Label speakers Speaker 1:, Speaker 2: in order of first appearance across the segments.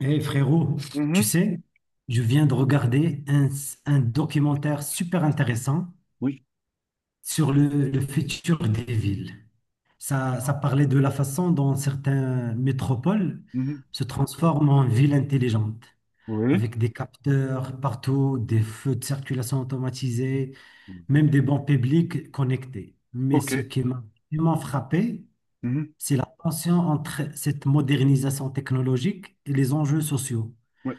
Speaker 1: Eh frérot, tu
Speaker 2: Mhm.
Speaker 1: sais, je viens de regarder un documentaire super intéressant
Speaker 2: Oui.
Speaker 1: sur le futur des villes. Ça parlait de la façon dont certaines métropoles
Speaker 2: Mhm.
Speaker 1: se transforment en villes intelligentes,
Speaker 2: Oui.
Speaker 1: avec des capteurs partout, des feux de circulation automatisés,
Speaker 2: Mhm.
Speaker 1: même des bancs publics connectés. Mais ce
Speaker 2: OK.
Speaker 1: qui m'a vraiment frappé,
Speaker 2: Mhm.
Speaker 1: c'est la tension entre cette modernisation technologique et les enjeux sociaux,
Speaker 2: Oui.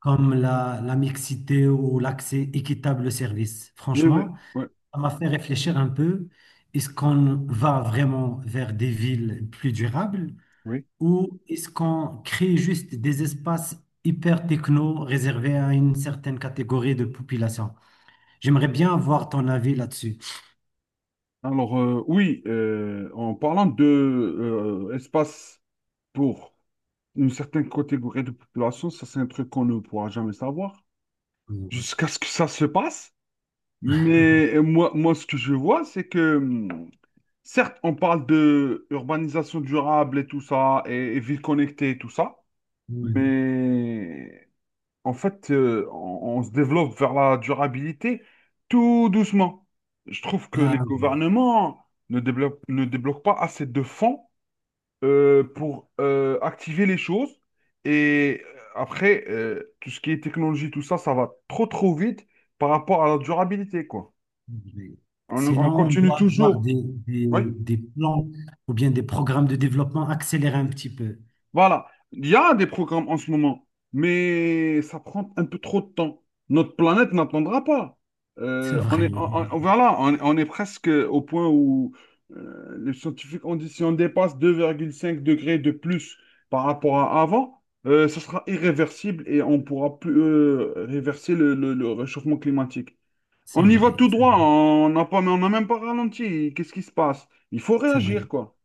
Speaker 1: comme la mixité ou l'accès équitable au service.
Speaker 2: Oui, oui,
Speaker 1: Franchement,
Speaker 2: oui,
Speaker 1: ça m'a fait réfléchir un peu. Est-ce qu'on va vraiment vers des villes plus durables
Speaker 2: oui.
Speaker 1: ou est-ce qu'on crée juste des espaces hyper techno réservés à une certaine catégorie de population? J'aimerais bien avoir ton avis là-dessus.
Speaker 2: Alors, en parlant de espace pour une certaine catégorie de population, ça, c'est un truc qu'on ne pourra jamais savoir
Speaker 1: Ouais.
Speaker 2: jusqu'à ce que ça se passe. Mais moi, ce que je vois, c'est que, certes, on parle de urbanisation durable et tout ça, et ville connectée et tout ça,
Speaker 1: Oui.
Speaker 2: mais en fait, on se développe vers la durabilité tout doucement. Je trouve que les
Speaker 1: Ah,
Speaker 2: gouvernements ne débloquent pas assez de fonds pour activer les choses. Et après, tout ce qui est technologie, tout ça, ça va trop trop vite par rapport à la durabilité, quoi.
Speaker 1: oui.
Speaker 2: On
Speaker 1: Sinon, on
Speaker 2: continue
Speaker 1: doit avoir
Speaker 2: toujours.
Speaker 1: des,
Speaker 2: Oui.
Speaker 1: des plans ou bien des programmes de développement accélérés un petit peu.
Speaker 2: Voilà, il y a des programmes en ce moment, mais ça prend un peu trop de temps. Notre planète n'attendra pas.
Speaker 1: C'est
Speaker 2: On est,
Speaker 1: vrai.
Speaker 2: on- Voilà, on est presque au point où les scientifiques ont dit si on dépasse 2,5 degrés de plus par rapport à avant, ça sera irréversible et on pourra plus réverser le réchauffement climatique.
Speaker 1: C'est
Speaker 2: On y va
Speaker 1: vrai,
Speaker 2: tout droit, on n'a même pas ralenti. Qu'est-ce qui se passe? Il faut
Speaker 1: c'est vrai.
Speaker 2: réagir, quoi.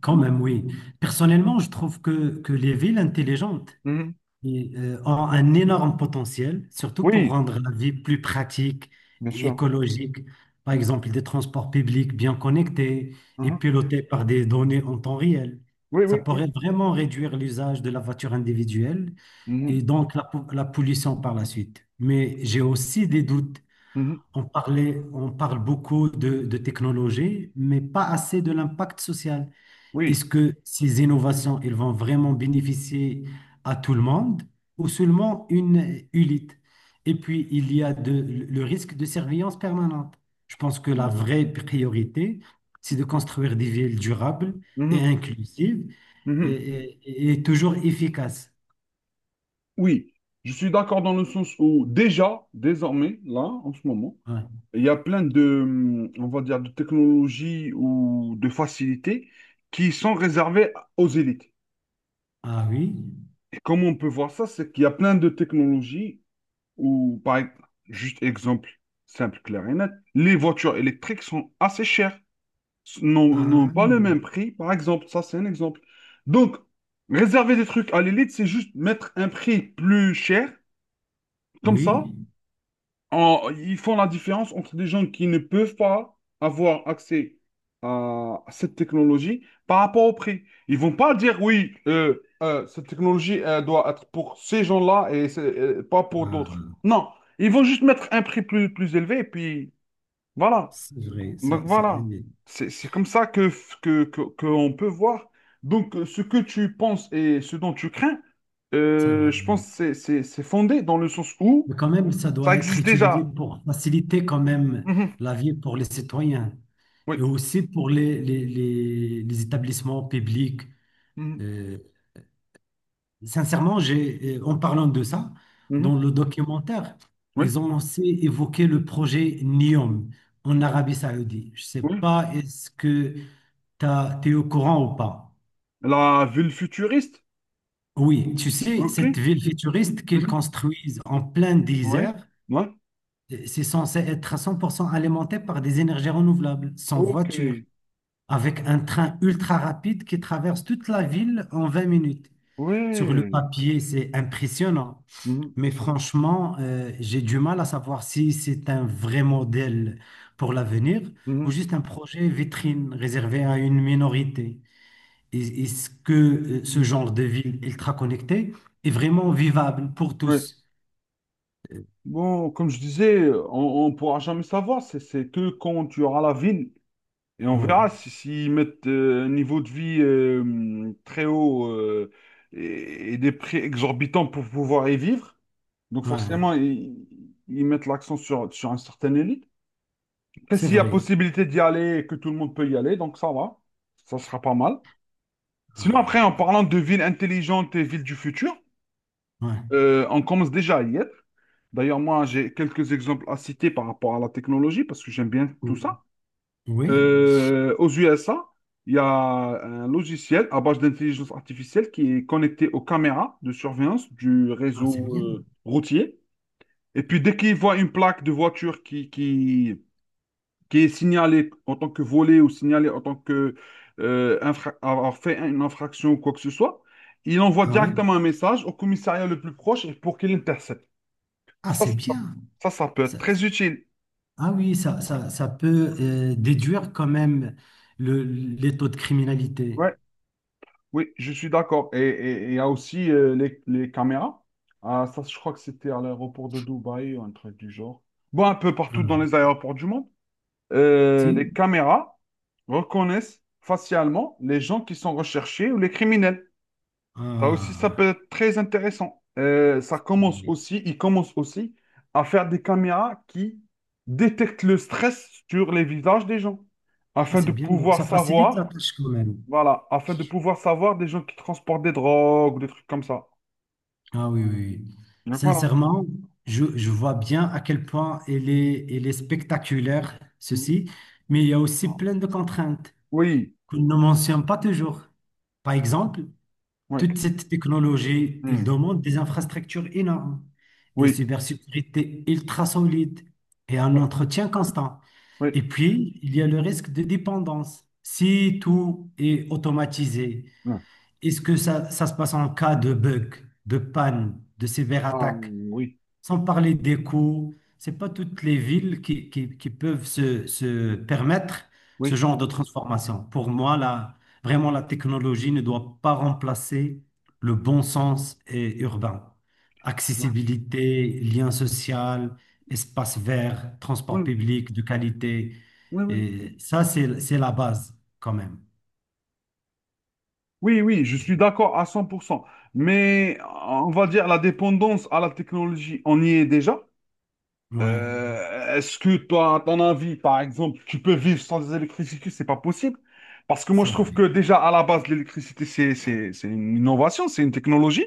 Speaker 1: Quand même, oui. Personnellement, je trouve que les villes intelligentes
Speaker 2: Mhm.
Speaker 1: et, ont un énorme potentiel, surtout pour
Speaker 2: Oui,
Speaker 1: rendre la vie plus pratique
Speaker 2: bien
Speaker 1: et
Speaker 2: sûr.
Speaker 1: écologique. Par exemple, des transports publics bien connectés et
Speaker 2: Mhm.
Speaker 1: pilotés par des données en temps réel.
Speaker 2: Oui,
Speaker 1: Ça
Speaker 2: oui, oui.
Speaker 1: pourrait vraiment réduire l'usage de la voiture individuelle et
Speaker 2: Mhm,
Speaker 1: donc la pollution par la suite. Mais j'ai aussi des doutes.
Speaker 2: mhm,
Speaker 1: On parle beaucoup de, technologie, mais pas assez de l'impact social.
Speaker 2: oui.
Speaker 1: Est-ce que ces innovations, elles vont vraiment bénéficier à tout le monde ou seulement une élite? Et puis, il y a le risque de surveillance permanente. Je pense que la
Speaker 2: Mhm,
Speaker 1: vraie priorité, c'est de construire des villes durables et
Speaker 2: mhm,
Speaker 1: inclusives et,
Speaker 2: mhm.
Speaker 1: et toujours efficaces.
Speaker 2: Oui, je suis d'accord dans le sens où déjà, désormais, là, en ce moment,
Speaker 1: Ouais.
Speaker 2: il y a plein de, on va dire, de technologies ou de facilités qui sont réservées aux élites.
Speaker 1: Ah oui,
Speaker 2: Et comment on peut voir ça, c'est qu'il y a plein de technologies où, juste exemple simple, clair et net, les voitures électriques sont assez chères. N'ont
Speaker 1: ah
Speaker 2: pas le même prix, par exemple. Ça, c'est un exemple. Donc, réserver des trucs à l'élite, c'est juste mettre un prix plus cher. Comme ça,
Speaker 1: oui.
Speaker 2: ils font la différence entre des gens qui ne peuvent pas avoir accès à cette technologie par rapport au prix. Ils vont pas dire, oui, cette technologie, elle doit être pour ces gens-là et pas pour d'autres.
Speaker 1: Ah,
Speaker 2: Non, ils vont juste mettre un prix plus élevé et puis voilà.
Speaker 1: c'est vrai.
Speaker 2: Donc voilà, c'est comme ça que on peut voir. Donc ce que tu penses et ce dont tu crains,
Speaker 1: C'est vrai.
Speaker 2: je pense que c'est fondé dans le sens où
Speaker 1: Mais quand même, ça
Speaker 2: ça
Speaker 1: doit être
Speaker 2: existe
Speaker 1: utilisé
Speaker 2: déjà.
Speaker 1: pour faciliter quand même
Speaker 2: Mhm.
Speaker 1: la vie pour les citoyens et
Speaker 2: Oui.
Speaker 1: aussi pour les, les établissements publics.
Speaker 2: Mhm.
Speaker 1: Euh, sincèrement, en parlant de ça,
Speaker 2: Mhm.
Speaker 1: dans le documentaire,
Speaker 2: Oui.
Speaker 1: ils ont aussi évoqué le projet NEOM en
Speaker 2: Mhm.
Speaker 1: Arabie Saoudite. Je sais
Speaker 2: Oui.
Speaker 1: pas, est-ce que tu es au courant ou pas?
Speaker 2: La ville futuriste.
Speaker 1: Oui, tu sais, cette
Speaker 2: OK.
Speaker 1: ville futuriste qu'ils
Speaker 2: Mhm.
Speaker 1: construisent en plein
Speaker 2: Oui.
Speaker 1: désert.
Speaker 2: Ouais.
Speaker 1: C'est censé être à 100% alimenté par des énergies renouvelables, sans voiture,
Speaker 2: OK.
Speaker 1: avec un train ultra rapide qui traverse toute la ville en 20 minutes. Sur le
Speaker 2: Oui.
Speaker 1: papier, c'est impressionnant,
Speaker 2: Mhm.
Speaker 1: mais franchement, j'ai du mal à savoir si c'est un vrai modèle pour l'avenir ou
Speaker 2: Mhm.
Speaker 1: juste un projet vitrine réservé à une minorité. Est-ce que ce
Speaker 2: Mhm.
Speaker 1: genre de ville ultra connectée est vraiment vivable pour
Speaker 2: Oui.
Speaker 1: tous? Euh,
Speaker 2: Bon, comme je disais, on ne pourra jamais savoir. C'est que quand tu auras la ville. Et on
Speaker 1: Ouais,
Speaker 2: verra si s'ils mettent un niveau de vie très haut, et des prix exorbitants pour pouvoir y vivre. Donc forcément,
Speaker 1: ouais,
Speaker 2: ils mettent l'accent sur une certaine élite. Après,
Speaker 1: c'est
Speaker 2: s'il y a
Speaker 1: vrai.
Speaker 2: possibilité d'y aller et que tout le monde peut y aller, donc ça va, ça sera pas mal. Sinon, après, en
Speaker 1: Ah,
Speaker 2: parlant de villes intelligentes et villes du futur, on commence déjà à y être. D'ailleurs, moi, j'ai quelques exemples à citer par rapport à la technologie, parce que j'aime bien tout
Speaker 1: ouais.
Speaker 2: ça.
Speaker 1: Oui,
Speaker 2: Aux USA, il y a un logiciel à base d'intelligence artificielle qui est connecté aux caméras de surveillance du
Speaker 1: ah, c'est
Speaker 2: réseau
Speaker 1: bien.
Speaker 2: routier. Et puis, dès qu'il voit une plaque de voiture qui est signalée en tant que volée ou signalée en tant que avoir fait une infraction ou quoi que ce soit, il envoie
Speaker 1: Ah, ouais.
Speaker 2: directement un message au commissariat le plus proche pour qu'il intercepte.
Speaker 1: Ah,
Speaker 2: Ça,
Speaker 1: c'est
Speaker 2: ça,
Speaker 1: bien.
Speaker 2: ça peut être
Speaker 1: Ça-
Speaker 2: très utile.
Speaker 1: ah oui, ça peut déduire quand même le, les taux de criminalité.
Speaker 2: Ouais. Oui, je suis d'accord. Et et il y a aussi les caméras. Ah, ça, je crois que c'était à l'aéroport de Dubaï ou un truc du genre. Bon, un peu partout dans
Speaker 1: Ah,
Speaker 2: les aéroports du monde.
Speaker 1: si?
Speaker 2: Les caméras reconnaissent facialement les gens qui sont recherchés ou les criminels. Ça aussi, ça
Speaker 1: Ah.
Speaker 2: peut être très intéressant. Ils commencent aussi à faire des caméras qui détectent le stress sur les visages des gens
Speaker 1: Ah,
Speaker 2: afin
Speaker 1: c'est
Speaker 2: de
Speaker 1: bien. Donc,
Speaker 2: pouvoir
Speaker 1: ça facilite la
Speaker 2: savoir.
Speaker 1: tâche quand même.
Speaker 2: Voilà, afin de pouvoir savoir des gens qui transportent des drogues, ou des trucs comme ça.
Speaker 1: Ah oui, oui, oui.
Speaker 2: Donc voilà.
Speaker 1: Sincèrement, je vois bien à quel point elle est spectaculaire,
Speaker 2: Mm.
Speaker 1: ceci, mais il y a aussi
Speaker 2: Ah.
Speaker 1: plein de contraintes
Speaker 2: Oui,
Speaker 1: qu'on ne mentionne pas toujours. Par exemple,
Speaker 2: oui.
Speaker 1: toute cette technologie, il
Speaker 2: Mm.
Speaker 1: demande des infrastructures énormes, une
Speaker 2: Oui,
Speaker 1: cybersécurité ultra solide et un
Speaker 2: oui,
Speaker 1: entretien constant.
Speaker 2: oui.
Speaker 1: Et puis, il y a le risque de dépendance. Si tout est automatisé,
Speaker 2: Mm.
Speaker 1: est-ce que ça se passe en cas de bug, de panne, de sévère
Speaker 2: Ah,
Speaker 1: attaque?
Speaker 2: oui,
Speaker 1: Sans parler des coûts, c'est pas toutes les villes qui peuvent se permettre ce
Speaker 2: oui.
Speaker 1: genre de transformation. Pour moi, vraiment, la technologie ne doit pas remplacer le bon sens et urbain. Accessibilité, lien social, espace vert,
Speaker 2: Mm.
Speaker 1: transport
Speaker 2: Oui,
Speaker 1: public de qualité.
Speaker 2: oui, oui.
Speaker 1: Et ça, c'est la base quand même.
Speaker 2: Oui, oui, je suis d'accord à 100%. Mais on va dire la dépendance à la technologie, on y est déjà.
Speaker 1: Oui,
Speaker 2: Est-ce que toi, à ton avis, par exemple, tu peux vivre sans électricité? C'est pas possible. Parce que moi, je
Speaker 1: c'est
Speaker 2: trouve que
Speaker 1: vrai.
Speaker 2: déjà, à la base, l'électricité, c'est une innovation, c'est une technologie.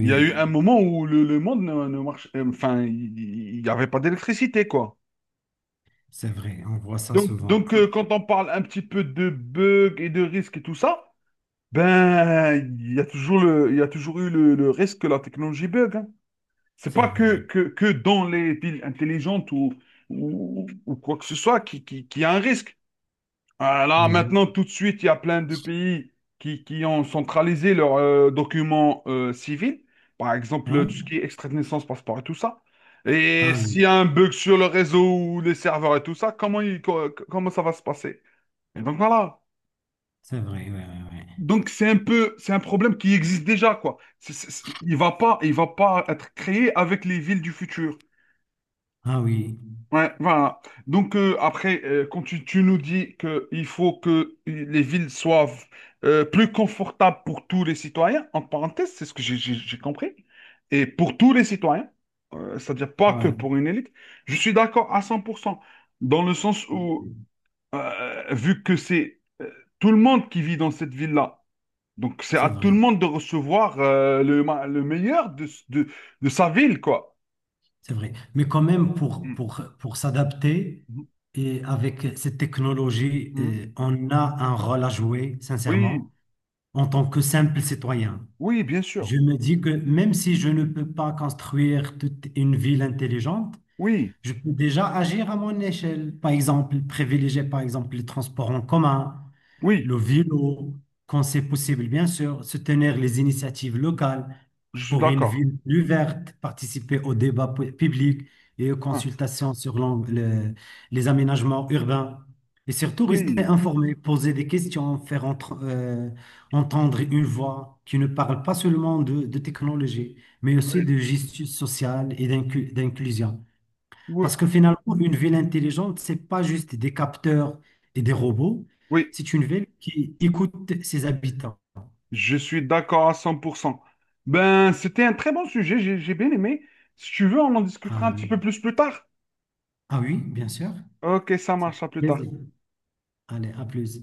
Speaker 2: Il y a eu un moment où le monde ne, ne marche, enfin, il n'y avait pas d'électricité, quoi.
Speaker 1: c'est vrai. On voit ça
Speaker 2: Donc,
Speaker 1: souvent.
Speaker 2: donc euh, quand on parle un petit peu de bugs et de risques et tout ça, ben, il y a toujours eu le risque que la technologie bug. Hein. C'est
Speaker 1: C'est
Speaker 2: pas
Speaker 1: vrai.
Speaker 2: que dans les villes intelligentes ou quoi que ce soit qui a un risque. Ah, là,
Speaker 1: Oui.
Speaker 2: maintenant, tout de suite, il y a plein de pays qui ont centralisé leurs documents civils, par exemple
Speaker 1: Ouais.
Speaker 2: tout ce qui est extrait de naissance, passeport et tout ça. Et
Speaker 1: Ah oui.
Speaker 2: s'il y a un bug sur le réseau ou les serveurs et tout ça, comment ça va se passer? Et donc voilà.
Speaker 1: C'est vrai, ouais, ouais, ouais.
Speaker 2: Donc c'est un peu, c'est un problème qui existe déjà, quoi. Il va pas être créé avec les villes du futur.
Speaker 1: Ah oui,
Speaker 2: Ouais, voilà. Donc après, quand tu nous dis qu'il faut que les villes soient plus confortables pour tous les citoyens, en parenthèse, c'est ce que j'ai compris, et pour tous les citoyens, c'est-à-dire pas
Speaker 1: ah
Speaker 2: que
Speaker 1: oui,
Speaker 2: pour une élite, je suis d'accord à 100% dans le sens
Speaker 1: oui,
Speaker 2: où,
Speaker 1: oui,
Speaker 2: vu que c'est tout le monde qui vit dans cette ville-là, donc c'est
Speaker 1: c'est
Speaker 2: à tout le
Speaker 1: vrai,
Speaker 2: monde de recevoir le meilleur de sa ville, quoi.
Speaker 1: c'est vrai. Mais quand même,
Speaker 2: Mm.
Speaker 1: pour s'adapter,
Speaker 2: Mhm.
Speaker 1: et avec cette technologie,
Speaker 2: Mhm.
Speaker 1: eh, on a un rôle à jouer,
Speaker 2: Oui,
Speaker 1: sincèrement, en tant que simple citoyen.
Speaker 2: oui, bien
Speaker 1: Je
Speaker 2: sûr.
Speaker 1: me dis que même si je ne peux pas construire toute une ville intelligente,
Speaker 2: Oui,
Speaker 1: je peux déjà agir à mon échelle. Par exemple, privilégier par exemple les transports en commun,
Speaker 2: oui,
Speaker 1: le vélo, quand c'est possible, bien sûr, soutenir les initiatives locales
Speaker 2: je suis
Speaker 1: pour une
Speaker 2: d'accord.
Speaker 1: ville plus verte, participer au public et aux
Speaker 2: Ah,
Speaker 1: consultations sur les aménagements urbains. Et surtout, rester
Speaker 2: oui,
Speaker 1: informé, poser des questions, entendre une voix qui ne parle pas seulement de, technologie, mais aussi
Speaker 2: oui,
Speaker 1: de justice sociale et d'inclusion.
Speaker 2: oui,
Speaker 1: Parce que finalement, une ville intelligente, c'est pas juste des capteurs et des robots,
Speaker 2: oui,
Speaker 1: c'est une ville qui écoute ses habitants.
Speaker 2: je suis d'accord à 100%. Ben, c'était un très bon sujet, j'ai bien aimé. Si tu veux, on en discutera un
Speaker 1: Ah,
Speaker 2: petit peu plus tard.
Speaker 1: ah oui, bien sûr.
Speaker 2: Ok, ça marche, à plus tard.
Speaker 1: Plaisir. Allez, à plus.